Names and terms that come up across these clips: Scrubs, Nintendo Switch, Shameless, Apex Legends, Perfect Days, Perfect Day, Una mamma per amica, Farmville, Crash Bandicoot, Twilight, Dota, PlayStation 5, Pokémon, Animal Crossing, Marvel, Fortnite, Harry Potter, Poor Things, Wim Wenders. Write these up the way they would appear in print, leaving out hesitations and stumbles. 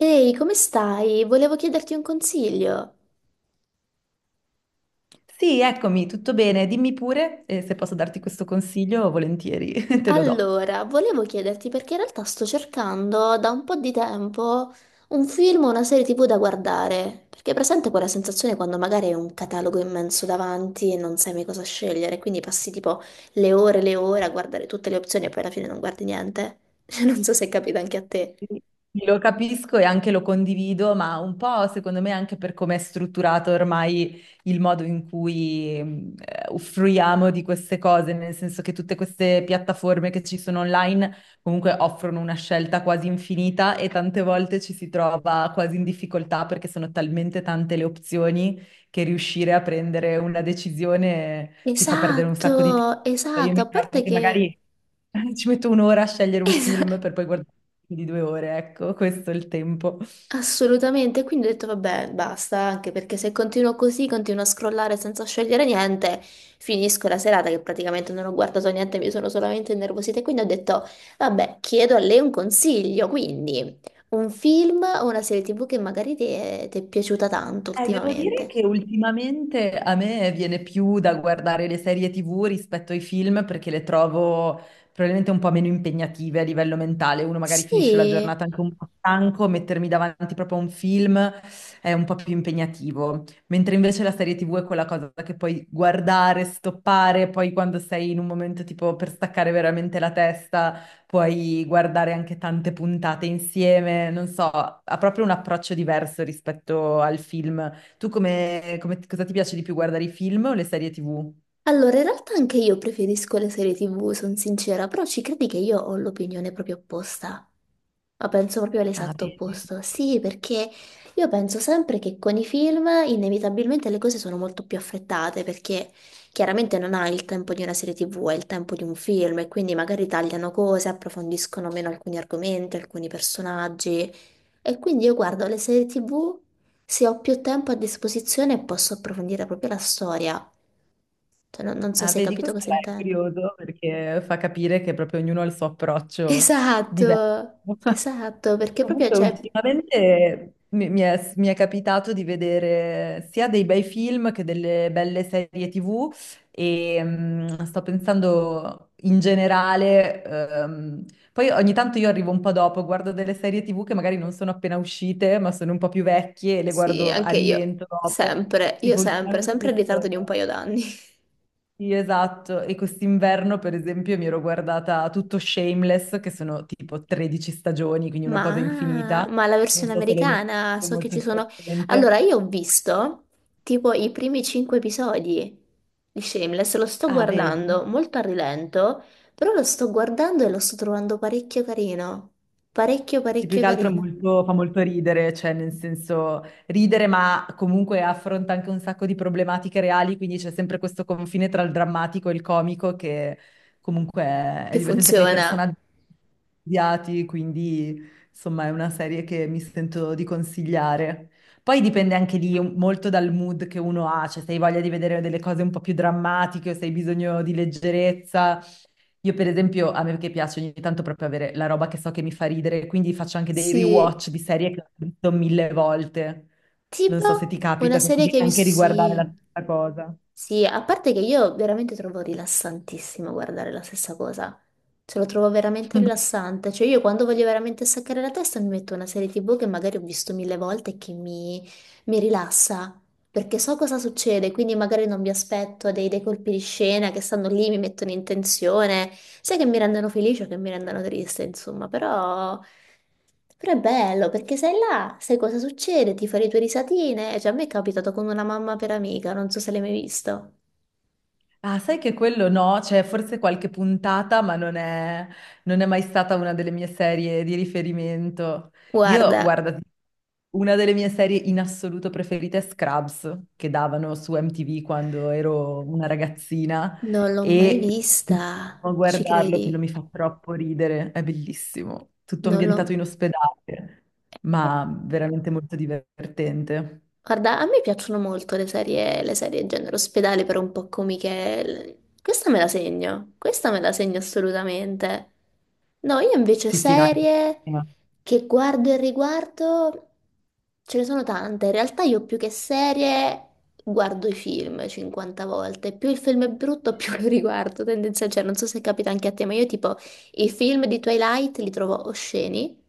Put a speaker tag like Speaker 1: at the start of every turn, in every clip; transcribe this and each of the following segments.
Speaker 1: Ehi, come stai? Volevo chiederti un consiglio.
Speaker 2: Sì, eccomi, tutto bene. Dimmi pure, se posso darti questo consiglio, volentieri te lo do.
Speaker 1: Allora, volevo chiederti perché in realtà sto cercando da un po' di tempo un film o una serie TV da guardare, perché è presente quella sensazione quando magari hai un catalogo immenso davanti e non sai mai cosa scegliere, quindi passi tipo le ore a guardare tutte le opzioni e poi alla fine non guardi niente. Non so se è capita anche a te.
Speaker 2: Sì, lo capisco e anche lo condivido, ma un po' secondo me anche per come è strutturato ormai il modo in cui offriamo di queste cose, nel senso che tutte queste piattaforme che ci sono online comunque offrono una scelta quasi infinita e tante volte ci si trova quasi in difficoltà perché sono talmente tante le opzioni che riuscire a prendere una decisione ti fa perdere un sacco di tempo.
Speaker 1: Esatto,
Speaker 2: Io
Speaker 1: esatto, a
Speaker 2: mi trovo
Speaker 1: parte
Speaker 2: che
Speaker 1: che...
Speaker 2: magari ci metto un'ora a scegliere un
Speaker 1: Esatto.
Speaker 2: film per poi guardare di due ore, ecco, questo è il tempo.
Speaker 1: Assolutamente, quindi ho detto vabbè, basta, anche perché se continuo così, continuo a scrollare senza scegliere niente, finisco la serata che praticamente non ho guardato niente, mi sono solamente innervosita, e quindi ho detto vabbè, chiedo a lei un consiglio, quindi un film o una serie TV che magari ti è piaciuta tanto
Speaker 2: Devo dire
Speaker 1: ultimamente.
Speaker 2: che ultimamente a me viene più da guardare le serie TV rispetto ai film perché le trovo probabilmente un po' meno impegnative a livello mentale. Uno magari finisce la
Speaker 1: Sì.
Speaker 2: giornata anche un po' stanco, mettermi davanti proprio a un film è un po' più impegnativo. Mentre invece la serie TV è quella cosa che puoi guardare, stoppare, poi quando sei in un momento tipo per staccare veramente la testa, puoi guardare anche tante puntate insieme. Non so, ha proprio un approccio diverso rispetto al film. Tu come, cosa ti piace di più, guardare i film o le serie TV?
Speaker 1: Allora, in realtà anche io preferisco le serie TV, sono sincera, però ci credi che io ho l'opinione proprio opposta? Ma penso proprio
Speaker 2: Ah,
Speaker 1: all'esatto
Speaker 2: vedi.
Speaker 1: opposto. Sì, perché io penso sempre che con i film inevitabilmente le cose sono molto più affrettate, perché chiaramente non hai il tempo di una serie TV, hai il tempo di un film, e quindi magari tagliano cose, approfondiscono meno alcuni argomenti, alcuni personaggi. E quindi io guardo le serie TV. Se ho più tempo a disposizione posso approfondire proprio la storia. Cioè, non so
Speaker 2: Ah,
Speaker 1: se hai
Speaker 2: vedi,
Speaker 1: capito
Speaker 2: questo
Speaker 1: cosa
Speaker 2: è
Speaker 1: intendo.
Speaker 2: curioso perché fa capire che proprio ognuno ha il suo approccio
Speaker 1: Esatto,
Speaker 2: diverso.
Speaker 1: esatto, perché proprio,
Speaker 2: Comunque,
Speaker 1: cioè,
Speaker 2: ultimamente mi è capitato di vedere sia dei bei film che delle belle serie TV e sto pensando in generale, poi ogni tanto io arrivo un po' dopo, guardo delle serie TV che magari non sono appena uscite, ma sono un po' più vecchie e le
Speaker 1: sì,
Speaker 2: guardo a
Speaker 1: anche io,
Speaker 2: rilento dopo.
Speaker 1: sempre, io
Speaker 2: Tipo
Speaker 1: sempre,
Speaker 2: ultimamente
Speaker 1: sempre in ritardo
Speaker 2: questo...
Speaker 1: di un paio d'anni.
Speaker 2: Sì, esatto. E quest'inverno, per esempio, mi ero guardata tutto Shameless, che sono tipo 13 stagioni, quindi una cosa
Speaker 1: Ma,
Speaker 2: infinita.
Speaker 1: ma la
Speaker 2: Non
Speaker 1: versione
Speaker 2: so se l'hai mai
Speaker 1: americana,
Speaker 2: visto,
Speaker 1: so che
Speaker 2: molto
Speaker 1: ci sono...
Speaker 2: divertente.
Speaker 1: Allora, io ho visto tipo i primi cinque episodi di Shameless, lo sto
Speaker 2: Ah, vedi?
Speaker 1: guardando molto a rilento, però lo sto guardando e lo sto trovando parecchio carino. Parecchio,
Speaker 2: Sì, più
Speaker 1: parecchio
Speaker 2: che altro
Speaker 1: carino.
Speaker 2: fa molto ridere, cioè nel senso ridere, ma comunque affronta anche un sacco di problematiche reali, quindi c'è sempre questo confine tra il drammatico e il comico che comunque
Speaker 1: Che
Speaker 2: è divertente. Poi i
Speaker 1: funziona.
Speaker 2: personaggi odiati, quindi insomma è una serie che mi sento di consigliare. Poi dipende anche lì molto dal mood che uno ha, cioè se hai voglia di vedere delle cose un po' più drammatiche o se hai bisogno di leggerezza. Io per esempio, a me che piace ogni tanto proprio avere la roba che so che mi fa ridere, quindi faccio anche dei
Speaker 1: Sì.
Speaker 2: rewatch di serie che ho visto mille volte. Non
Speaker 1: Tipo
Speaker 2: so se ti
Speaker 1: una
Speaker 2: capita, se ti
Speaker 1: serie
Speaker 2: devi
Speaker 1: che hai
Speaker 2: anche
Speaker 1: visto...
Speaker 2: riguardare la
Speaker 1: Sì.
Speaker 2: stessa cosa.
Speaker 1: Sì, a parte che io veramente trovo rilassantissimo guardare la stessa cosa. Ce lo trovo veramente rilassante. Cioè io quando voglio veramente staccare la testa mi metto una serie TV che magari ho visto mille volte e mi rilassa perché so cosa succede, quindi magari non mi aspetto dei colpi di scena che stanno lì, mi mettono in tensione, sia che mi rendano felice o che mi rendano triste, insomma, però è bello perché sei là, sai cosa succede, ti fai le tue risatine. Cioè a me è capitato con una mamma per amica, non so se l'hai mai visto.
Speaker 2: Ah, sai che quello no, c'è forse qualche puntata, ma non è mai stata una delle mie serie di riferimento. Io,
Speaker 1: Guarda,
Speaker 2: guarda, una delle mie serie in assoluto preferite è Scrubs, che davano su MTV quando ero una ragazzina,
Speaker 1: non l'ho mai
Speaker 2: e
Speaker 1: vista,
Speaker 2: a
Speaker 1: ci
Speaker 2: guardarlo, quello
Speaker 1: credi?
Speaker 2: mi fa troppo ridere, è bellissimo. Tutto
Speaker 1: Non l'ho...
Speaker 2: ambientato in ospedale,
Speaker 1: eh,
Speaker 2: ma veramente molto divertente.
Speaker 1: Guarda, a me piacciono molto le serie genere ospedale, però un po' comiche. Questa me la segno assolutamente. No, io invece
Speaker 2: Sì, sì, no, è
Speaker 1: serie
Speaker 2: bellissimo.
Speaker 1: che guardo e riguardo, ce ne sono tante. In realtà io più che serie guardo i film 50 volte. Più il film è brutto, più lo riguardo. Tendenza, cioè, non so se capita anche a te, ma io tipo i film di Twilight li trovo osceni,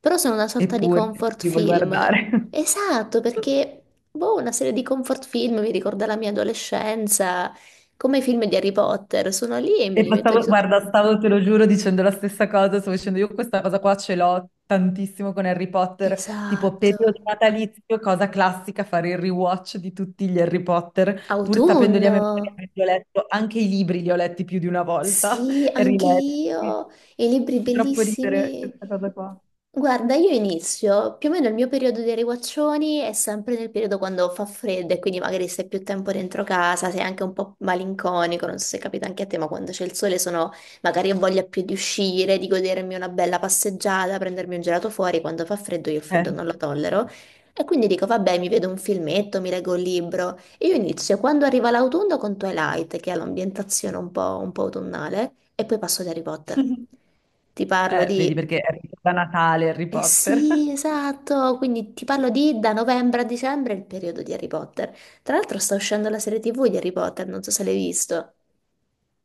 Speaker 1: però sono una sorta di
Speaker 2: Eppure
Speaker 1: comfort
Speaker 2: ci vuoi
Speaker 1: film.
Speaker 2: guardare.
Speaker 1: Esatto, perché boh, una serie di comfort film mi ricorda la mia adolescenza, come i film di Harry Potter, sono lì e me
Speaker 2: E
Speaker 1: li
Speaker 2: ma
Speaker 1: metto di sotto.
Speaker 2: guarda, stavo, te lo giuro, dicendo la stessa cosa, stavo dicendo io questa cosa qua, ce l'ho tantissimo con Harry Potter, tipo
Speaker 1: Esatto.
Speaker 2: periodo natalizio, cosa classica, fare il rewatch di tutti gli Harry Potter, pur sapendoli a
Speaker 1: Autunno.
Speaker 2: memoria, perché li ho letto, anche i libri li ho letti più di una volta
Speaker 1: Sì,
Speaker 2: e
Speaker 1: anche
Speaker 2: riletti. Quindi
Speaker 1: io, e libri
Speaker 2: fa troppo ridere
Speaker 1: bellissimi.
Speaker 2: questa cosa qua.
Speaker 1: Guarda, io inizio, più o meno il mio periodo dei riguaccioni è sempre nel periodo quando fa freddo e quindi magari stai più tempo dentro casa, sei anche un po' malinconico, non so se capita anche a te, ma quando c'è il sole sono, magari ho voglia più di uscire, di godermi una bella passeggiata, prendermi un gelato fuori, quando fa freddo io il freddo non lo
Speaker 2: Certo.
Speaker 1: tollero. E quindi dico, vabbè, mi vedo un filmetto, mi leggo un libro. Io inizio quando arriva l'autunno con Twilight, che ha l'ambientazione un po' autunnale, e poi passo ad Harry Potter. Ti parlo
Speaker 2: Vedi
Speaker 1: di...
Speaker 2: perché è da Natale Harry
Speaker 1: Eh
Speaker 2: Potter.
Speaker 1: sì, esatto, quindi ti parlo di da novembre a dicembre il periodo di Harry Potter. Tra l'altro sta uscendo la serie TV di Harry Potter, non so se l'hai visto.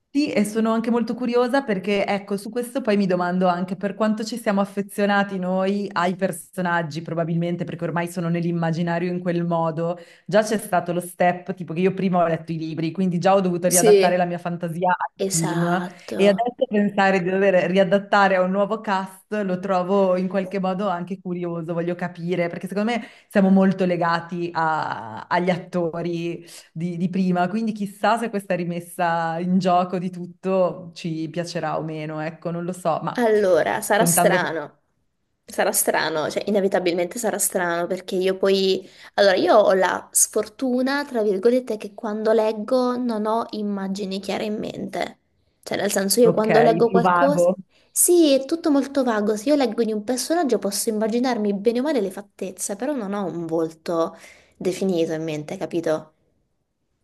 Speaker 2: Sì, e sono anche molto curiosa perché, ecco, su questo poi mi domando anche per quanto ci siamo affezionati noi ai personaggi, probabilmente perché ormai sono nell'immaginario in quel modo. Già c'è stato lo step, tipo che io prima ho letto i libri, quindi già ho dovuto riadattare
Speaker 1: Sì.
Speaker 2: la mia fantasia al film,
Speaker 1: Esatto.
Speaker 2: e adesso pensare di dover riadattare a un nuovo cast lo trovo in qualche modo anche curioso, voglio capire, perché secondo me siamo molto legati agli attori di prima, quindi chissà se questa rimessa in gioco di tutto ci piacerà o meno, ecco, non lo so, ma
Speaker 1: Allora,
Speaker 2: contando,
Speaker 1: sarà strano, cioè inevitabilmente sarà strano perché io poi, allora io ho la sfortuna, tra virgolette, che quando leggo non ho immagini chiare in mente, cioè nel senso io quando
Speaker 2: ok,
Speaker 1: leggo
Speaker 2: più
Speaker 1: qualcosa,
Speaker 2: vago,
Speaker 1: sì, è tutto molto vago, se io leggo di un personaggio posso immaginarmi bene o male le fattezze, però non ho un volto definito in mente, capito?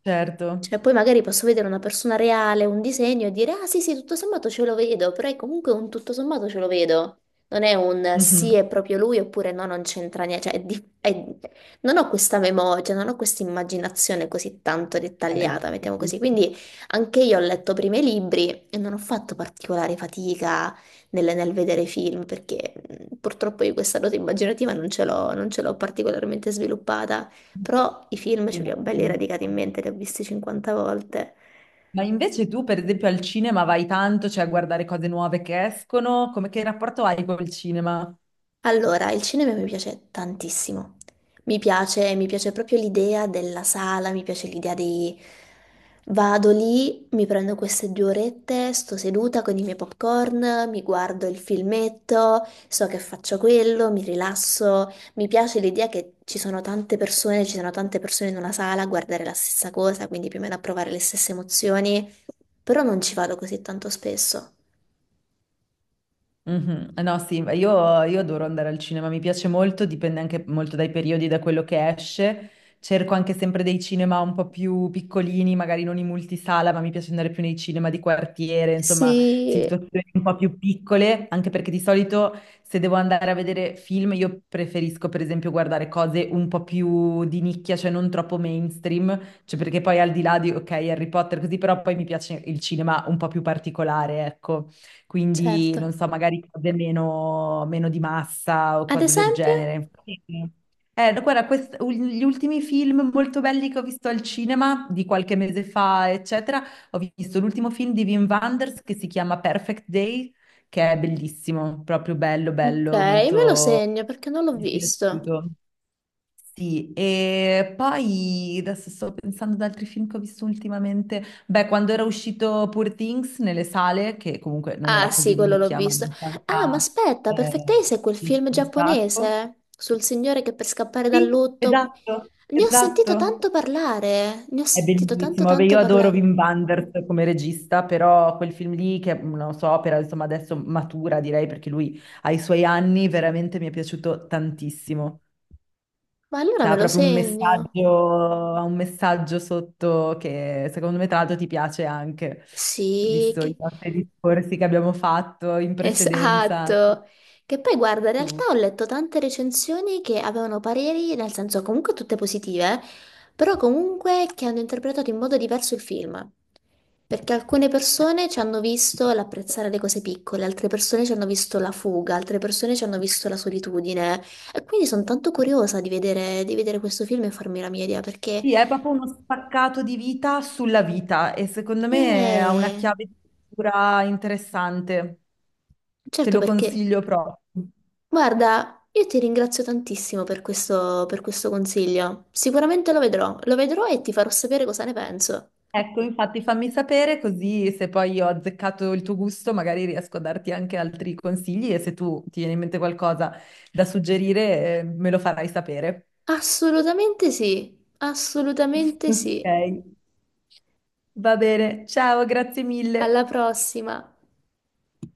Speaker 2: certo.
Speaker 1: Cioè, poi magari posso vedere una persona reale, un disegno e dire, ah sì, sì, tutto sommato ce lo vedo, però è comunque un tutto sommato ce lo vedo. Non è un sì,
Speaker 2: Mhm,
Speaker 1: è proprio lui, oppure no, non c'entra niente. Cioè, non ho questa memoria, cioè, non ho questa immaginazione così tanto
Speaker 2: ok,
Speaker 1: dettagliata, mettiamo così.
Speaker 2: capisco.
Speaker 1: Quindi anche io ho letto prima i libri e non ho fatto particolare fatica nel vedere film, perché purtroppo io questa dote immaginativa non ce l'ho, non ce l'ho particolarmente sviluppata. Però i film
Speaker 2: Sì,
Speaker 1: ce
Speaker 2: no,
Speaker 1: li ho belli radicati in
Speaker 2: capisco.
Speaker 1: mente, li ho visti 50 volte.
Speaker 2: Ma invece tu, per esempio, al cinema vai tanto, cioè a guardare cose nuove che escono, come, che rapporto hai col cinema?
Speaker 1: Allora, il cinema mi piace tantissimo. Mi piace proprio l'idea della sala, mi piace l'idea di... Vado lì, mi prendo queste due orette, sto seduta con i miei popcorn, mi guardo il filmetto, so che faccio quello, mi rilasso. Mi piace l'idea che ci sono tante persone, ci sono tante persone in una sala a guardare la stessa cosa, quindi più o meno a provare le stesse emozioni, però non ci vado così tanto spesso.
Speaker 2: Mh-mh. Eh no, sì, ma io adoro andare al cinema, mi piace molto, dipende anche molto dai periodi, da quello che esce. Cerco anche sempre dei cinema un po' più piccolini, magari non in multisala, ma mi piace andare più nei cinema di quartiere, insomma,
Speaker 1: Sì,
Speaker 2: situazioni un po' più piccole, anche perché di solito se devo andare a vedere film, io preferisco per esempio guardare cose un po' più di nicchia, cioè non troppo mainstream, cioè perché poi al di là di, ok, Harry Potter così, però poi mi piace il cinema un po' più particolare, ecco, quindi
Speaker 1: certo.
Speaker 2: non so, magari cose meno di massa o
Speaker 1: Ad
Speaker 2: cose del
Speaker 1: esempio?
Speaker 2: genere. Sì. No, guarda, gli ultimi film molto belli che ho visto al cinema di qualche mese fa, eccetera, ho visto l'ultimo film di Wim Wenders che si chiama Perfect Day, che è bellissimo, proprio
Speaker 1: Ok,
Speaker 2: bello,
Speaker 1: me lo
Speaker 2: molto...
Speaker 1: segno perché non l'ho
Speaker 2: Mi è
Speaker 1: visto.
Speaker 2: piaciuto. Sì, e poi adesso sto pensando ad altri film che ho visto ultimamente. Beh, quando era uscito Poor Things nelle sale, che comunque non era
Speaker 1: Ah,
Speaker 2: così
Speaker 1: sì,
Speaker 2: di
Speaker 1: quello l'ho
Speaker 2: nicchia, ma
Speaker 1: visto.
Speaker 2: in
Speaker 1: Ah, ma
Speaker 2: realtà
Speaker 1: aspetta, Perfect
Speaker 2: eh,
Speaker 1: Days è quel
Speaker 2: piaceva
Speaker 1: film
Speaker 2: un sacco.
Speaker 1: giapponese sul signore che per scappare dal
Speaker 2: Sì,
Speaker 1: lutto. Ne ho sentito
Speaker 2: esatto.
Speaker 1: tanto parlare, ne ho
Speaker 2: È
Speaker 1: sentito tanto
Speaker 2: bellissimo. Vabbè,
Speaker 1: tanto
Speaker 2: io adoro
Speaker 1: parlare.
Speaker 2: Wim Wenders come regista, però quel film lì, che è una sua opera, insomma, adesso matura, direi, perché lui ai suoi anni, veramente mi è piaciuto tantissimo.
Speaker 1: Ma allora me
Speaker 2: C'era
Speaker 1: lo
Speaker 2: proprio un
Speaker 1: segno.
Speaker 2: messaggio, ha un messaggio sotto che secondo me tra l'altro ti piace anche,
Speaker 1: Sì,
Speaker 2: visto i
Speaker 1: che-
Speaker 2: nostri discorsi che abbiamo fatto in precedenza. Anche
Speaker 1: Esatto. Che poi guarda, in
Speaker 2: su-
Speaker 1: realtà ho letto tante recensioni che avevano pareri, nel senso comunque tutte positive, però comunque che hanno interpretato in modo diverso il film. Perché alcune
Speaker 2: eh.
Speaker 1: persone ci hanno visto l'apprezzare le cose piccole, altre persone ci hanno visto la fuga, altre persone ci hanno visto la solitudine. E quindi sono tanto curiosa di vedere questo film e farmi la mia idea, perché...
Speaker 2: Sì, è proprio uno spaccato di vita sulla vita e secondo me ha una
Speaker 1: Eh,
Speaker 2: chiave di lettura interessante. Te
Speaker 1: certo
Speaker 2: lo
Speaker 1: perché...
Speaker 2: consiglio proprio.
Speaker 1: Guarda, io ti ringrazio tantissimo per questo consiglio. Sicuramente lo vedrò e ti farò sapere cosa ne penso.
Speaker 2: Ecco, infatti fammi sapere così se poi ho azzeccato il tuo gusto, magari riesco a darti anche altri consigli e se tu ti viene in mente qualcosa da suggerire, me lo farai sapere.
Speaker 1: Assolutamente sì, assolutamente sì.
Speaker 2: Ok. Va bene, ciao, grazie
Speaker 1: Alla
Speaker 2: mille.
Speaker 1: prossima.